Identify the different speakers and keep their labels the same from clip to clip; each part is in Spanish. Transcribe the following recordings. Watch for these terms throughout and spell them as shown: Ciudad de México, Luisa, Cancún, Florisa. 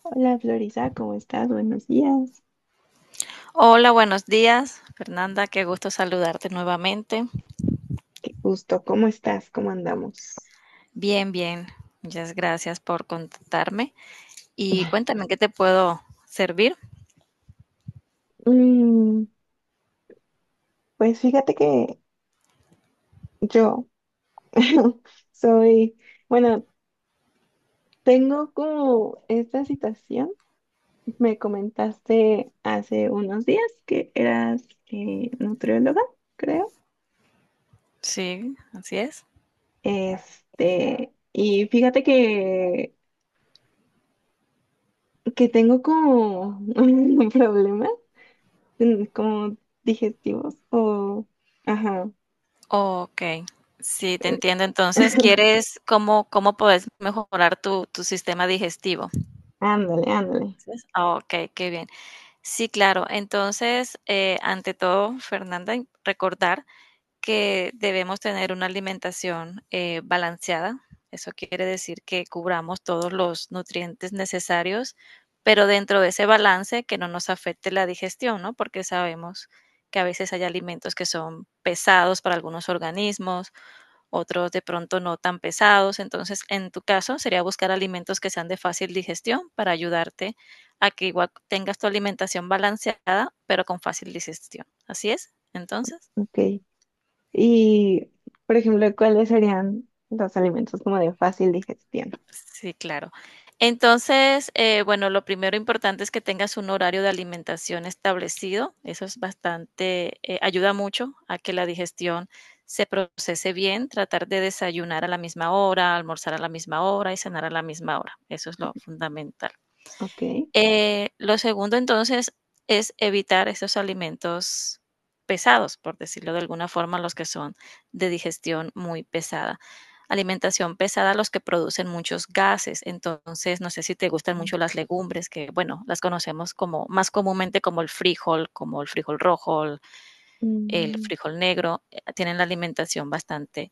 Speaker 1: Hola Florisa, ¿cómo estás? Buenos días.
Speaker 2: Hola, buenos días, Fernanda. Qué gusto saludarte nuevamente.
Speaker 1: Gusto, ¿cómo estás? ¿Cómo andamos?
Speaker 2: Bien, bien. Muchas gracias por contactarme. Y cuéntame, ¿en ¿qué te puedo servir?
Speaker 1: Mm, pues fíjate que yo soy, bueno, tengo como esta situación. Me comentaste hace unos días que eras nutrióloga, creo.
Speaker 2: Sí, así es.
Speaker 1: Este, y fíjate que tengo como un problema, como digestivos o, ajá.
Speaker 2: Ok, sí, te entiendo. Entonces, ¿¿cómo puedes mejorar tu sistema digestivo?
Speaker 1: Ándale, ándale.
Speaker 2: Así es. Ah, ok, qué bien. Sí, claro. Entonces, ante todo, Fernanda, recordar que debemos tener una alimentación balanceada. Eso quiere decir que cubramos todos los nutrientes necesarios, pero dentro de ese balance que no nos afecte la digestión, ¿no? Porque sabemos que a veces hay alimentos que son pesados para algunos organismos, otros de pronto no tan pesados. Entonces, en tu caso, sería buscar alimentos que sean de fácil digestión para ayudarte a que igual tengas tu alimentación balanceada, pero con fácil digestión. ¿Así es? Entonces,
Speaker 1: Ok. Y, por ejemplo, ¿cuáles serían los alimentos como de fácil digestión?
Speaker 2: sí, claro. Entonces, lo primero importante es que tengas un horario de alimentación establecido. Eso es ayuda mucho a que la digestión se procese bien. Tratar de desayunar a la misma hora, almorzar a la misma hora y cenar a la misma hora. Eso es lo fundamental.
Speaker 1: Ok.
Speaker 2: Lo segundo, entonces, es evitar esos alimentos pesados, por decirlo de alguna forma, los que son de digestión muy pesada. Alimentación pesada, los que producen muchos gases. Entonces, no sé si te gustan mucho las legumbres, que bueno, las conocemos como más comúnmente como el frijol rojo, el
Speaker 1: Mm,
Speaker 2: frijol negro, tienen la alimentación bastante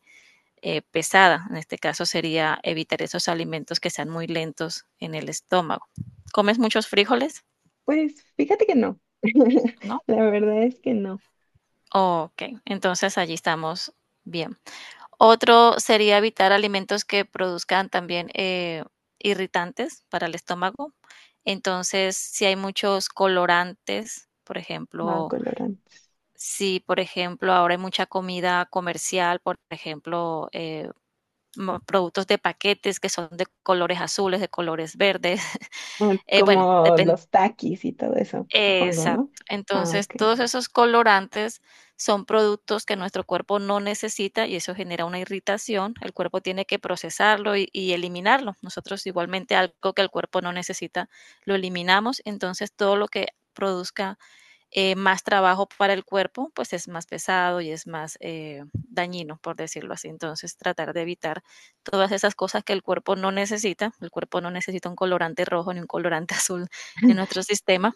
Speaker 2: pesada. En este caso sería evitar esos alimentos que sean muy lentos en el estómago. ¿Comes muchos frijoles?
Speaker 1: Pues fíjate que no.
Speaker 2: ¿No?
Speaker 1: La verdad es que no.
Speaker 2: Ok, entonces allí estamos bien. Otro sería evitar alimentos que produzcan también irritantes para el estómago. Entonces, si hay muchos colorantes, por
Speaker 1: Ah,
Speaker 2: ejemplo,
Speaker 1: colorantes.
Speaker 2: si por ejemplo ahora hay mucha comida comercial, por ejemplo, productos de paquetes que son de colores azules, de colores verdes,
Speaker 1: Ah,
Speaker 2: eh, bueno,
Speaker 1: como los taquis y todo eso, supongo,
Speaker 2: Exacto.
Speaker 1: ¿no? Ah,
Speaker 2: Entonces,
Speaker 1: ok.
Speaker 2: todos esos colorantes son productos que nuestro cuerpo no necesita y eso genera una irritación. El cuerpo tiene que procesarlo y eliminarlo. Nosotros igualmente algo que el cuerpo no necesita, lo eliminamos. Entonces, todo lo que produzca más trabajo para el cuerpo, pues es más pesado y es más dañino, por decirlo así. Entonces, tratar de evitar todas esas cosas que el cuerpo no necesita. El cuerpo no necesita un colorante rojo ni un colorante azul en nuestro sistema,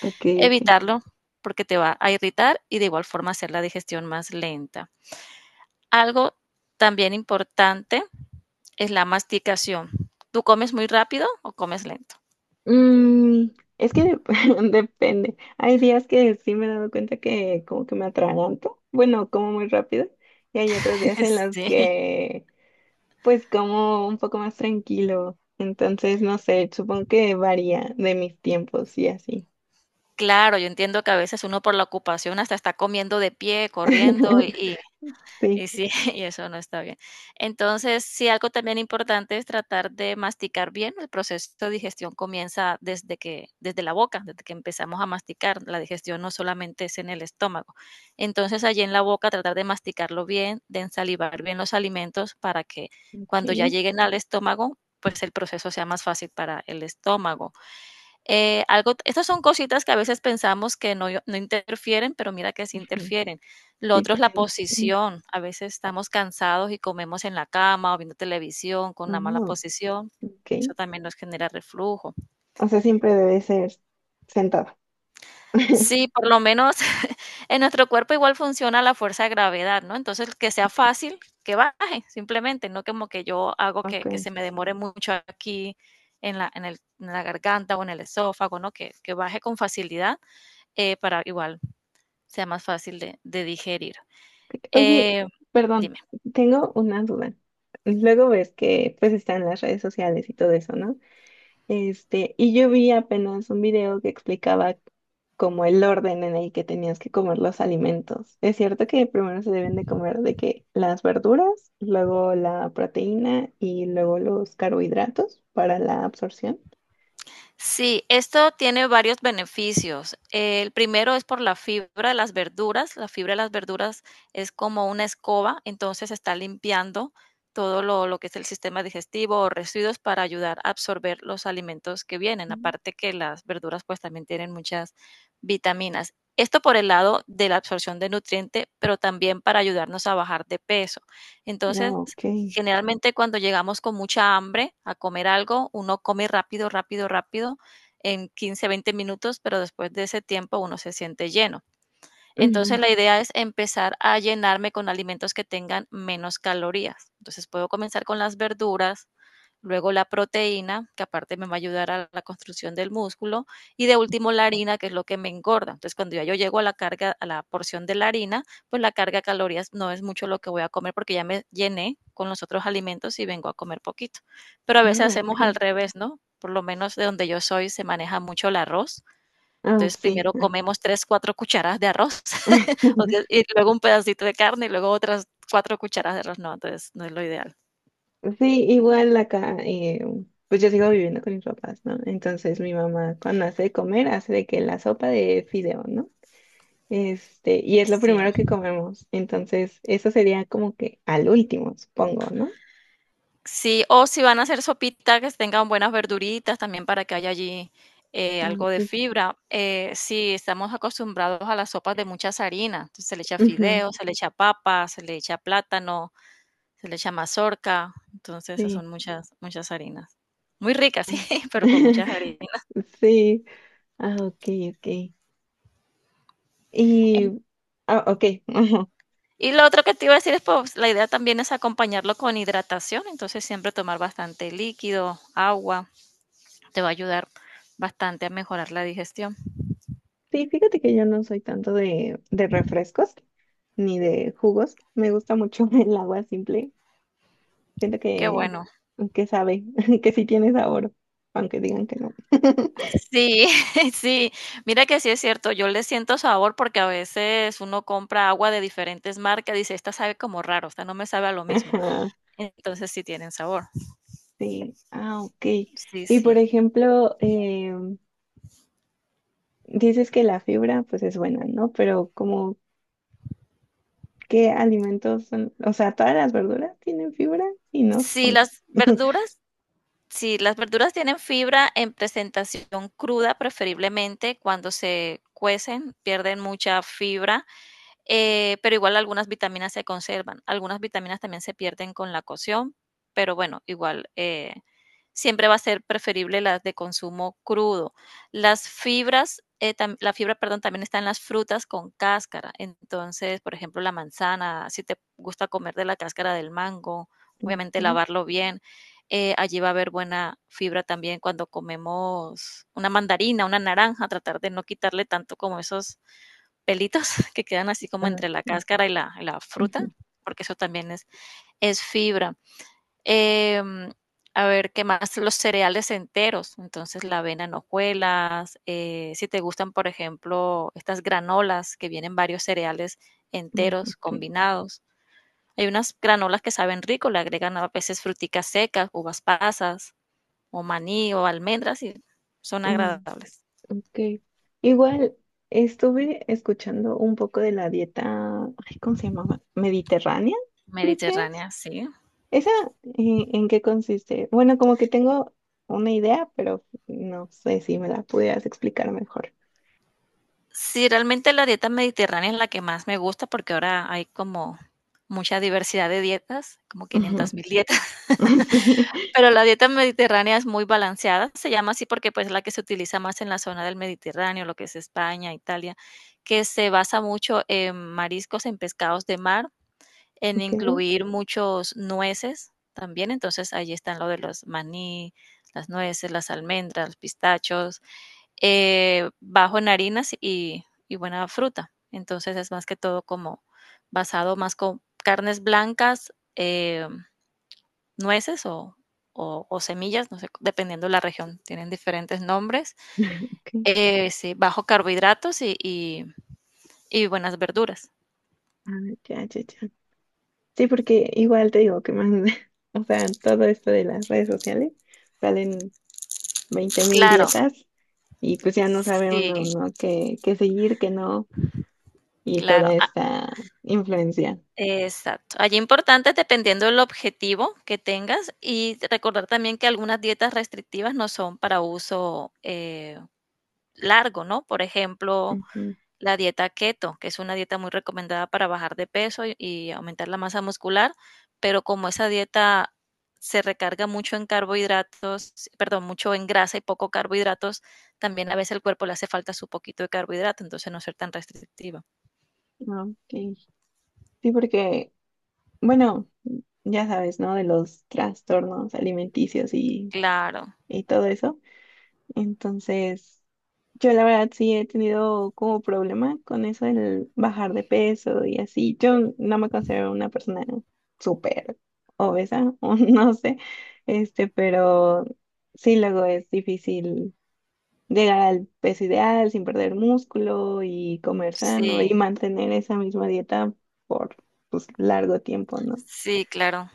Speaker 1: Ok, ok.
Speaker 2: evitarlo porque te va a irritar y de igual forma hacer la digestión más lenta. Algo también importante es la masticación. ¿Tú comes muy rápido o comes lento?
Speaker 1: Mm, es que depende. Hay días que sí me he dado cuenta que como que me atraganto. Bueno, como muy rápido. Y hay otros días en los
Speaker 2: Sí,
Speaker 1: que pues como un poco más tranquilo. Entonces, no sé, supongo que varía de mis tiempos y así.
Speaker 2: claro, yo entiendo que a veces uno por la ocupación hasta está comiendo de pie, corriendo y
Speaker 1: Sí,
Speaker 2: Y sí, y eso no está bien. Entonces, sí, algo también importante es tratar de masticar bien. El proceso de digestión comienza desde la boca, desde que empezamos a masticar. La digestión no solamente es en el estómago. Entonces, allí en la boca tratar de masticarlo bien, de ensalivar bien los alimentos para que cuando ya
Speaker 1: ok.
Speaker 2: lleguen al estómago, pues el proceso sea más fácil para el estómago. Algo, estas son cositas que a veces pensamos que no, no interfieren, pero mira que sí
Speaker 1: Ujú.
Speaker 2: interfieren. Lo
Speaker 1: Sí
Speaker 2: otro es la
Speaker 1: tienen. Sí.
Speaker 2: posición. A veces estamos cansados y comemos en la cama o viendo televisión con una mala
Speaker 1: Ujú.
Speaker 2: posición.
Speaker 1: Ok.
Speaker 2: Eso también nos genera reflujo.
Speaker 1: O sea, siempre debe ser sentado.
Speaker 2: Sí, por lo menos en nuestro cuerpo igual funciona la fuerza de gravedad, ¿no? Entonces, que sea
Speaker 1: Ok,
Speaker 2: fácil, que baje, simplemente, no como que yo hago que
Speaker 1: ok.
Speaker 2: se me demore mucho aquí en la garganta o en el esófago, ¿no? Que baje con facilidad, para igual sea más fácil de digerir.
Speaker 1: Oye,
Speaker 2: Eh,
Speaker 1: perdón,
Speaker 2: Dime.
Speaker 1: tengo una duda. Luego ves que pues están las redes sociales y todo eso, ¿no? Este, y yo vi apenas un video que explicaba como el orden en el que tenías que comer los alimentos. Es cierto que primero se deben de comer de que las verduras, luego la proteína y luego los carbohidratos para la absorción.
Speaker 2: Sí, esto tiene varios beneficios. El primero es por la fibra de las verduras. La fibra de las verduras es como una escoba, entonces está limpiando todo lo que es el sistema digestivo o residuos para ayudar a absorber los alimentos que vienen.
Speaker 1: Mm.
Speaker 2: Aparte que las verduras pues también tienen muchas vitaminas. Esto por el lado de la absorción de nutriente, pero también para ayudarnos a bajar de peso.
Speaker 1: Ah,
Speaker 2: Entonces,
Speaker 1: ok.
Speaker 2: generalmente cuando llegamos con mucha hambre a comer algo, uno come rápido, rápido, rápido en 15, 20 minutos, pero después de ese tiempo uno se siente lleno. Entonces
Speaker 1: Ujú.
Speaker 2: la idea es empezar a llenarme con alimentos que tengan menos calorías. Entonces puedo comenzar con las verduras, luego la proteína, que aparte me va a ayudar a la construcción del músculo, y de último la harina, que es lo que me engorda. Entonces, cuando ya yo llego a la carga, a la porción de la harina, pues la carga de calorías no es mucho lo que voy a comer porque ya me llené con los otros alimentos y vengo a comer poquito. Pero a veces
Speaker 1: Ah, ok.
Speaker 2: hacemos al revés, ¿no? Por lo menos de donde yo soy se maneja mucho el arroz.
Speaker 1: Ah,
Speaker 2: Entonces,
Speaker 1: sí.
Speaker 2: primero
Speaker 1: Ah.
Speaker 2: comemos tres, cuatro cucharadas de arroz y luego un pedacito de carne y luego otras cuatro cucharadas de arroz. No, entonces no es lo ideal.
Speaker 1: Sí, igual acá, pues yo sigo viviendo con mis papás, ¿no? Entonces mi mamá cuando hace de comer hace de que la sopa de fideo, ¿no? Este, y es lo
Speaker 2: Sí.
Speaker 1: primero que comemos. Entonces, eso sería como que al último, supongo, ¿no?
Speaker 2: Sí, o si van a hacer sopita, que tengan buenas verduritas también para que haya allí
Speaker 1: Ah,
Speaker 2: algo de
Speaker 1: es-
Speaker 2: fibra. Sí, estamos acostumbrados a las sopas de muchas harinas. Entonces se le echa
Speaker 1: ujú,
Speaker 2: fideo, se le echa papa, se le echa plátano, se le echa mazorca. Entonces esas
Speaker 1: sí.
Speaker 2: son muchas, muchas harinas. Muy ricas,
Speaker 1: Ah.
Speaker 2: sí, pero con muchas harinas.
Speaker 1: Sí. Ah, ok, ok. Y,
Speaker 2: En-
Speaker 1: ah, ok. ajá.
Speaker 2: Y lo otro que te iba a decir es, pues, la idea también es acompañarlo con hidratación. Entonces siempre tomar bastante líquido, agua, te va a ayudar bastante a mejorar la digestión.
Speaker 1: Sí, fíjate que yo no soy tanto de refrescos ni de jugos. Me gusta mucho el agua simple. Siento
Speaker 2: Qué bueno.
Speaker 1: que sabe, que sí tiene sabor, aunque digan que no.
Speaker 2: Sí, sí. Mira que sí es cierto, yo le siento sabor porque a veces uno compra agua de diferentes marcas, dice, esta sabe como raro, esta no me sabe a lo mismo.
Speaker 1: Ajá.
Speaker 2: Entonces sí tienen sabor.
Speaker 1: Sí, ah, ok.
Speaker 2: Sí,
Speaker 1: Y por
Speaker 2: sí.
Speaker 1: ejemplo, dices que la fibra pues es buena, ¿no? Pero como, ¿qué alimentos son? O sea, ¿todas las verduras tienen fibra? Sí, no,
Speaker 2: Sí,
Speaker 1: supongo.
Speaker 2: las verduras, sí, las verduras tienen fibra en presentación cruda, preferiblemente cuando se cuecen, pierden mucha fibra. Pero igual algunas vitaminas se conservan, algunas vitaminas también se pierden con la cocción, pero bueno, igual, siempre va a ser preferible las de consumo crudo. Las fibras, la fibra, perdón, también está en las frutas con cáscara, entonces, por ejemplo, la manzana, si te gusta comer de la cáscara del mango,
Speaker 1: Ok,
Speaker 2: obviamente lavarlo bien. Allí va a haber buena fibra también cuando comemos una mandarina, una naranja, tratar de no quitarle tanto como esos pelitos que quedan así como
Speaker 1: ah,
Speaker 2: entre la
Speaker 1: sí,
Speaker 2: cáscara y la fruta,
Speaker 1: ujú,
Speaker 2: porque eso también es fibra. Eh, a ver, ¿qué más? Los cereales enteros, entonces la avena en hojuelas, si te gustan, por ejemplo, estas granolas que vienen varios cereales enteros
Speaker 1: ok,
Speaker 2: combinados. Hay unas granolas que saben rico, le agregan a veces fruticas secas, uvas pasas, o maní, o almendras, y son
Speaker 1: mm,
Speaker 2: agradables.
Speaker 1: ok. Igual estuve escuchando un poco de la dieta, ay, ¿cómo se llamaba? Mediterránea, creo que es.
Speaker 2: Mediterránea, sí.
Speaker 1: ¿Esa en qué consiste? Bueno, como que tengo una idea, pero no sé si me la pudieras explicar mejor.
Speaker 2: Sí, realmente la dieta mediterránea es la que más me gusta porque ahora hay como mucha diversidad de dietas, como
Speaker 1: Ujú.
Speaker 2: 500 mil dietas,
Speaker 1: Sí.
Speaker 2: pero la dieta mediterránea es muy balanceada, se llama así porque pues es la que se utiliza más en la zona del Mediterráneo, lo que es España, Italia, que se basa mucho en mariscos, en pescados de mar, en
Speaker 1: Ok,
Speaker 2: incluir muchos nueces también, entonces ahí están lo de los maní, las nueces, las almendras, los pistachos, bajo en harinas y buena fruta. Entonces es más que todo como basado más con carnes blancas, nueces o semillas, no sé, dependiendo de la región, tienen diferentes nombres.
Speaker 1: ok.
Speaker 2: Sí, bajo carbohidratos y buenas verduras.
Speaker 1: Ah, ya, ya, ya. Sí, porque igual te digo que más, o sea, todo esto de las redes sociales salen 20,000
Speaker 2: Claro,
Speaker 1: dietas y pues ya no sabe uno,
Speaker 2: sí,
Speaker 1: ¿no? Qué, qué seguir, qué no, y
Speaker 2: claro.
Speaker 1: toda
Speaker 2: Ah,
Speaker 1: esta influencia.
Speaker 2: exacto. Allí importante dependiendo del objetivo que tengas y recordar también que algunas dietas restrictivas no son para uso, largo, ¿no? Por ejemplo,
Speaker 1: Ujú.
Speaker 2: la dieta keto, que es una dieta muy recomendada para bajar de peso y aumentar la masa muscular, pero como esa dieta se recarga mucho en carbohidratos, perdón, mucho en grasa y poco carbohidratos, también a veces el cuerpo le hace falta su poquito de carbohidrato, entonces no ser tan restrictiva.
Speaker 1: Ok. Sí, porque bueno, ya sabes, ¿no? De los trastornos alimenticios
Speaker 2: Claro,
Speaker 1: y todo eso. Entonces, yo la verdad sí he tenido como problema con eso, el bajar de peso y así. Yo no me considero una persona súper obesa, o no sé, este, pero sí luego es difícil llegar al peso ideal sin perder músculo y comer sano y
Speaker 2: sí,
Speaker 1: mantener esa misma dieta por, pues, largo tiempo, ¿no?
Speaker 2: sí, claro.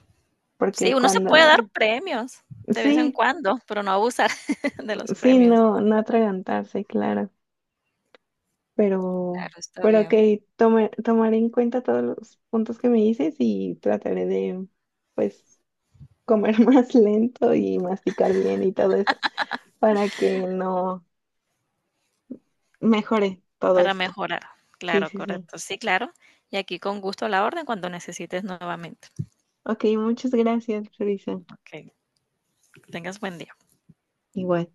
Speaker 2: Sí,
Speaker 1: Porque
Speaker 2: uno se puede dar
Speaker 1: cuando,
Speaker 2: premios de vez en
Speaker 1: sí,
Speaker 2: cuando, pero no abusar de los
Speaker 1: sí,
Speaker 2: premios.
Speaker 1: no, no atragantarse, claro, pero,
Speaker 2: Claro, está
Speaker 1: pero ok,
Speaker 2: bien.
Speaker 1: tomaré en cuenta todos los puntos que me dices y trataré de, pues, comer más lento y masticar bien y todo eso, para que no mejore todo
Speaker 2: Para
Speaker 1: esto.
Speaker 2: mejorar.
Speaker 1: Sí,
Speaker 2: Claro,
Speaker 1: sí, sí.
Speaker 2: correcto. Sí, claro. Y aquí con gusto a la orden cuando necesites nuevamente.
Speaker 1: Ok, muchas gracias, Luisa.
Speaker 2: Okey, tengas buen día.
Speaker 1: Igual.